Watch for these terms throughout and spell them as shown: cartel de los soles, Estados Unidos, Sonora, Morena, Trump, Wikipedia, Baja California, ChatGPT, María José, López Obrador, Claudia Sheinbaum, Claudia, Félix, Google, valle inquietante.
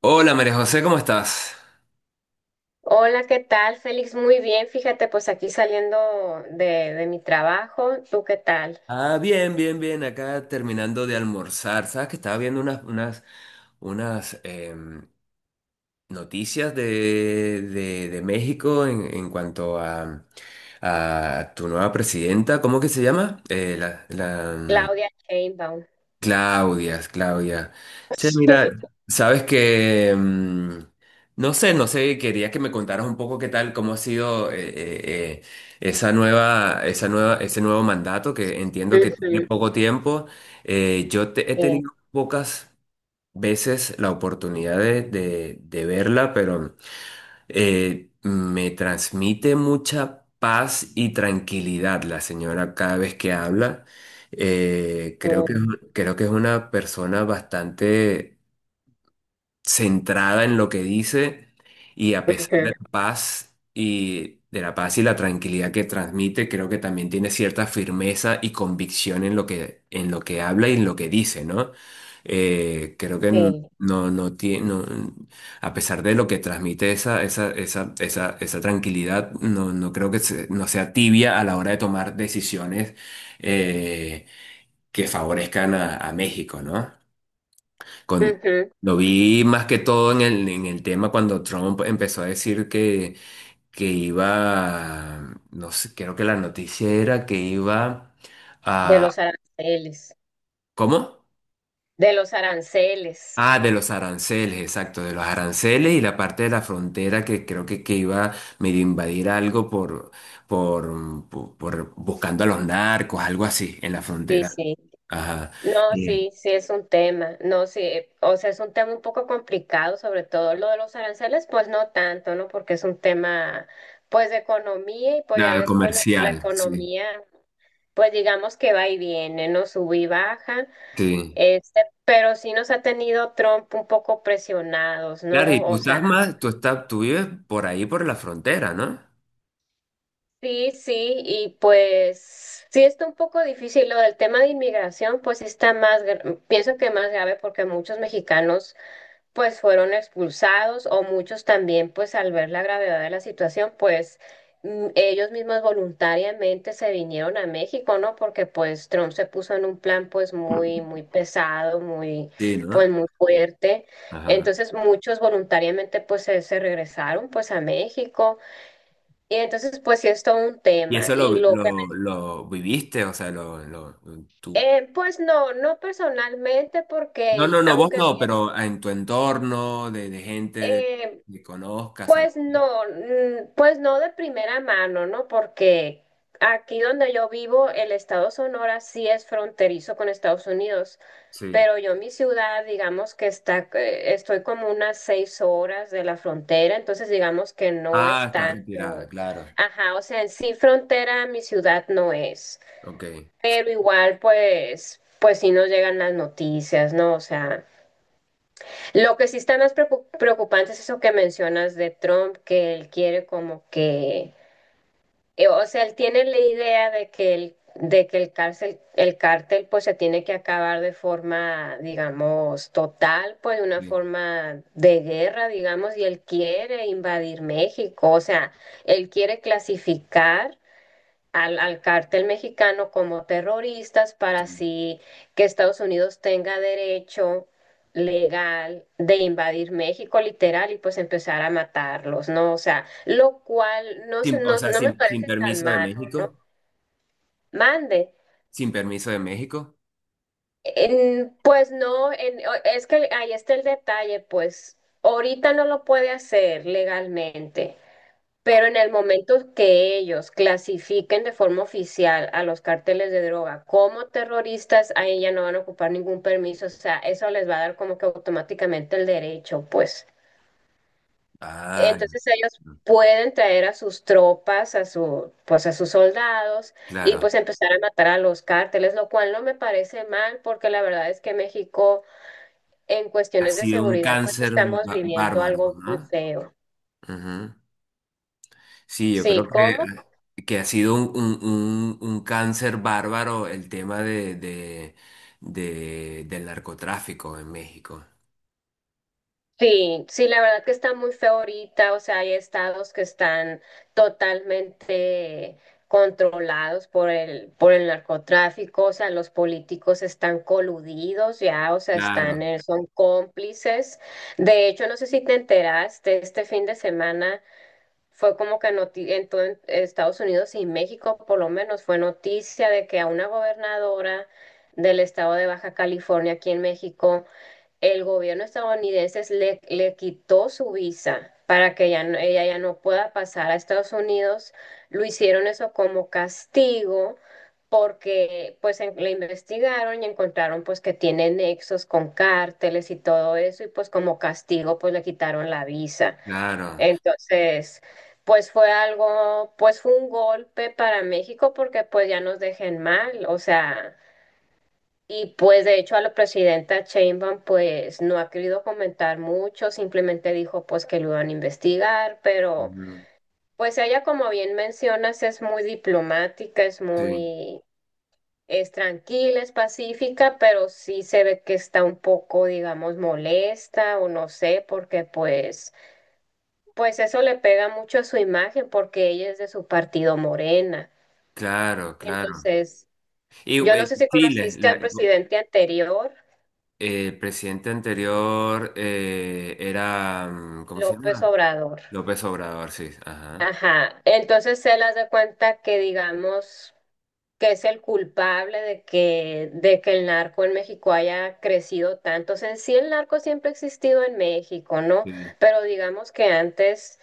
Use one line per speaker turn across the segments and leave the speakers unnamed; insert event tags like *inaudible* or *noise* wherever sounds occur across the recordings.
Hola María José, ¿cómo estás?
Hola, ¿qué tal, Félix? Muy bien, fíjate, pues aquí saliendo de mi trabajo. ¿Tú qué tal?
Bien, bien, bien, acá terminando de almorzar. Sabes que estaba viendo unas noticias de México en cuanto a tu nueva presidenta, ¿cómo que se llama? La
Claudia Sheinbaum.
Claudia, Claudia. Che, mira,
*laughs*
sabes que, no sé, no sé, quería que me contaras un poco qué tal, cómo ha sido ese nuevo mandato que entiendo que tiene
Ujú,
poco tiempo. Yo he
sí,
tenido pocas veces la oportunidad de verla, pero me transmite mucha paz y tranquilidad la señora cada vez que habla. Eh, creo que,
ujú,
creo que es una persona bastante centrada en lo que dice y a pesar de
ujú,
la paz y de la paz y la tranquilidad que transmite, creo que también tiene cierta firmeza y convicción en lo que habla y en lo que dice, ¿no? Creo que
sí,
no, no tiene, a pesar de lo que transmite esa tranquilidad, no creo que no sea tibia a la hora de tomar decisiones eh, que favorezcan a México, ¿no? Con,
ujú,
lo vi más que todo en el tema cuando Trump empezó a decir que iba, no sé, creo que la noticia era que iba
de
a...
los aranceles,
¿Cómo?
de los aranceles.
De los aranceles, exacto, de los aranceles y la parte de la frontera que creo que iba medio a invadir algo por buscando a los narcos, algo así, en la
Sí,
frontera.
sí.
Ajá.
No,
Eh,
sí, sí es un tema. No, sí, o sea, es un tema un poco complicado, sobre todo lo de los aranceles, pues no tanto, ¿no? Porque es un tema, pues, de economía y pues ya
nada,
ves, pues la
comercial, sí.
economía. Pues digamos que va y viene, ¿no? Sube y baja.
Sí.
Este, pero sí nos ha tenido Trump un poco presionados,
Claro,
¿no?
y tú
O sea,
estás más, tú estás, tú vives por ahí, por la frontera, ¿no?
sí, sí, y pues sí está un poco difícil lo del tema de inmigración, pues sí está más, pienso que más grave porque muchos mexicanos pues fueron expulsados o muchos también, pues al ver la gravedad de la situación, pues ellos mismos voluntariamente se vinieron a México, ¿no? Porque pues Trump se puso en un plan pues muy, muy pesado, muy,
Sí,
pues
¿no?
muy fuerte.
Ajá.
Entonces muchos voluntariamente pues se regresaron pues a México. Y entonces pues sí es todo un
Y
tema.
eso lo,
Y
vi-
lo que,
lo, lo viviste, o sea, lo, tú.
pues no, no personalmente
No,
porque
no, no, vos
aunque...
no, pero en tu entorno, de gente
eh,
que conozcas, algo.
Pues no, mm, pues no de primera mano, ¿no? Porque aquí donde yo vivo, el estado Sonora sí es fronterizo con Estados Unidos,
Sí.
pero yo mi ciudad, digamos que está, estoy como unas 6 horas de la frontera, entonces digamos que no
Ah,
es
está retirada,
tanto.
claro.
Ajá, o sea, en sí frontera mi ciudad no es,
Ok.
pero igual pues, pues sí nos llegan las noticias, ¿no? O sea. Lo que sí está más preocupante es eso que mencionas de Trump, que él quiere como que, o sea, él tiene la idea de que el cárcel, el cártel pues se tiene que acabar de forma, digamos, total, pues de una
Sí,
forma de guerra, digamos, y él quiere invadir México, o sea, él quiere clasificar al cártel mexicano como terroristas para
sí.
así que Estados Unidos tenga derecho legal de invadir México literal y pues empezar a matarlos, ¿no? O sea, lo cual no,
Sin- o
no,
sea,
no me
sin
parece tan
permiso de
malo, ¿no?
México.
Mande.
Sin permiso de México.
Pues no, es que ahí está el detalle, pues ahorita no lo puede hacer legalmente. Pero en el momento que ellos clasifiquen de forma oficial a los cárteles de droga como terroristas, ahí ya no van a ocupar ningún permiso, o sea, eso les va a dar como que automáticamente el derecho, pues.
Ah,
Entonces ellos pueden traer a sus tropas, a su, pues a sus soldados y
claro.
pues empezar a matar a los cárteles, lo cual no me parece mal porque la verdad es que México en
Ha
cuestiones de
sido un
seguridad pues
cáncer
estamos viviendo
bárbaro,
algo muy
¿no?
feo.
Ujú. Sí, yo
Sí,
creo que
¿cómo?
ha sido un cáncer bárbaro el tema del narcotráfico en México.
Sí, sí, la verdad que está muy feo ahorita, o sea, hay estados que están totalmente controlados por por el narcotráfico, o sea, los políticos están coludidos ya, o sea, están,
Claro,
son cómplices. De hecho, no sé si te enteraste, este fin de semana fue como que en todo Estados Unidos y México, por lo menos, fue noticia de que a una gobernadora del estado de Baja California aquí en México el gobierno estadounidense le quitó su visa para que ella, ella ya no pueda pasar a Estados Unidos. Lo hicieron eso como castigo porque pues le investigaron y encontraron pues que tiene nexos con cárteles y todo eso y pues como castigo pues le quitaron la visa.
claro.
Entonces, pues fue algo, pues fue un golpe para México porque pues ya nos dejen mal, o sea... Y pues de hecho a la presidenta Sheinbaum pues no ha querido comentar mucho, simplemente dijo pues que lo iban a investigar, pero
Ujú.
pues ella como bien mencionas es muy diplomática, es
Sí,
muy, es tranquila, es pacífica, pero sí se ve que está un poco digamos molesta o no sé, porque pues, pues eso le pega mucho a su imagen porque ella es de su partido Morena.
claro, claro.
Entonces,
Y
yo no sé si conociste al presidente anterior,
El presidente anterior era, ¿cómo se
López
llama?
Obrador.
López Obrador, sí, ajá.
Ajá, entonces él hace cuenta que digamos que es el culpable de de que el narco en México haya crecido tanto. O sea, en sí el narco siempre ha existido en México, ¿no?
Sí.
Pero digamos que antes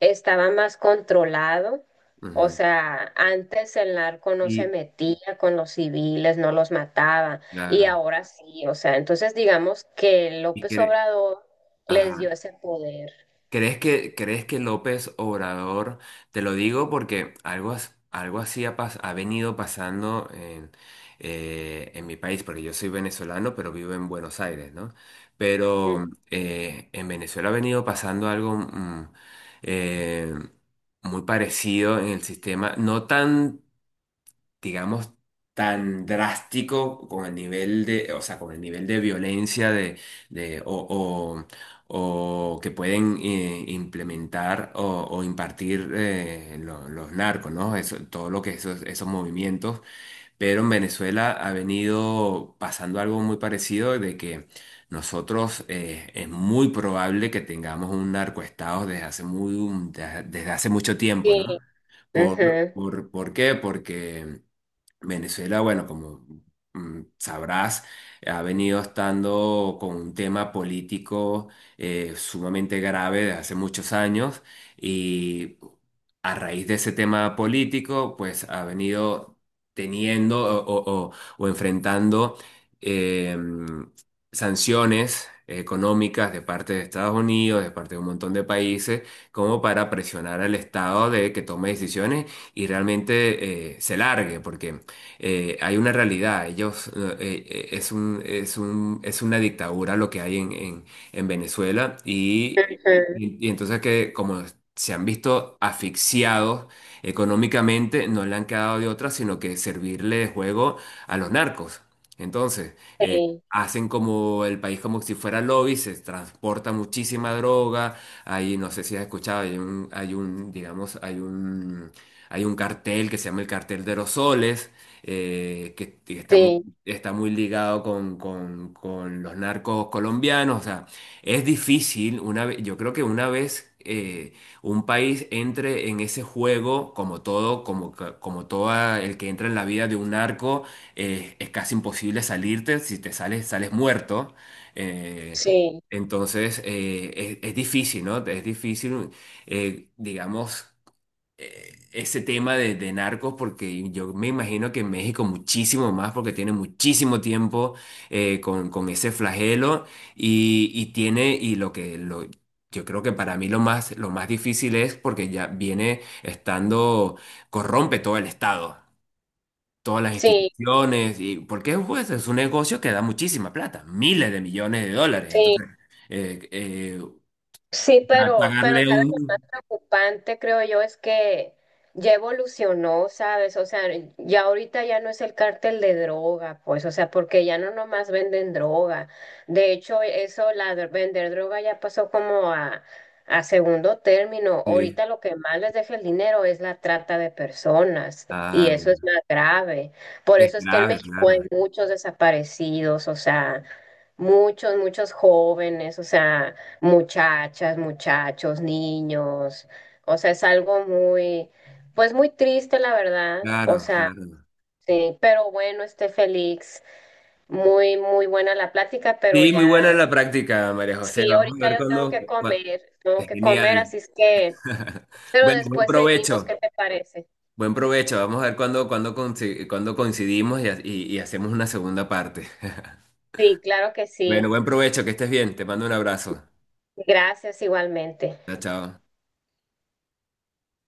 estaba más controlado. O
Ujú.
sea, antes el narco no se
Y,
metía con los civiles, no los mataba, y
claro,
ahora sí. O sea, entonces digamos que
y
López
cre-
Obrador les dio
ajá.
ese poder.
Crees que López Obrador, te lo digo porque algo así ha, ha venido pasando en mi país, porque yo soy venezolano, pero vivo en Buenos Aires, ¿no?
Ujú.
Pero en Venezuela ha venido pasando algo eh, muy parecido en el sistema, no tan digamos, tan drástico con el nivel de, o sea, con el nivel de violencia de- o que pueden implementar o impartir los narcos, ¿no? Eso, todo lo que esos movimientos. Pero en Venezuela ha venido pasando algo muy parecido de que nosotros es muy probable que tengamos un narcoestado desde hace muy, desde hace mucho tiempo, ¿no?
Sí.
¿Por,
Ujú,
por qué? Porque Venezuela, bueno, como sabrás, ha venido estando con un tema político sumamente grave desde hace muchos años y a raíz de ese tema político, pues ha venido teniendo o enfrentando eh, sanciones económicas de parte de Estados Unidos, de parte de un montón de países, como para presionar al Estado de que tome decisiones y realmente se largue, porque hay una realidad. Ellos, es una dictadura lo que hay en Venezuela
ujú.
y entonces que como se han visto asfixiados económicamente, no le han quedado de otra sino que servirle juego a los narcos. Entonces,
Sí,
hacen como el país como si fuera lobby, se transporta muchísima droga, hay, no sé si has escuchado, hay un, digamos, hay un cartel que se llama el cartel de los soles, que
sí,
está muy ligado con los narcos colombianos. O sea, es difícil, yo creo que una vez un país entre en ese juego, como todo, como todo el que entra en la vida de un narco, es casi imposible salirte, si te sales, sales muerto. Eh,
sí,
entonces, es difícil, ¿no? Es difícil, digamos ese tema de narcos, porque yo me imagino que en México muchísimo más, porque tiene muchísimo tiempo con ese flagelo y tiene, yo creo que para mí lo más difícil es porque ya viene estando, corrompe todo el Estado. Todas las
sí,
instituciones, y porque pues, es un negocio que da muchísima plata, miles de millones de dólares.
sí,
Entonces, eh, eh,
sí, pero
pagarle
sabes
un...
lo más preocupante, creo yo, es que ya evolucionó, ¿sabes? O sea, ya ahorita ya no es el cártel de droga, pues, o sea, porque ya no nomás venden droga. De hecho, eso, la de vender droga ya pasó como a segundo término.
Sí.
Ahorita lo que más les deja el dinero es la trata de personas, y
Ah,
eso es
mira.
más grave. Por
Es
eso es que en
grave,
México hay
claro.
muchos desaparecidos, o sea, muchos, muchos jóvenes, o sea muchachas, muchachos, niños. O sea, es algo muy, pues muy triste, la verdad. O
Claro,
sea,
claro.
sí, pero bueno, este Félix, muy, muy buena la plática, pero
Sí, muy buena
ya,
la práctica, María José.
sí,
Vamos a
ahorita
ver
yo
cuándo.
tengo
Es
que comer,
genial.
así es que,
*laughs*
pero
Bueno, buen
después seguimos,
provecho.
¿qué te parece?
Buen provecho. Vamos a ver cuándo, cuándo coincidimos y, y hacemos una segunda parte. *laughs*
Sí, claro que sí.
Bueno, buen provecho, que estés bien. Te mando un abrazo.
Gracias igualmente.
Chao, chao.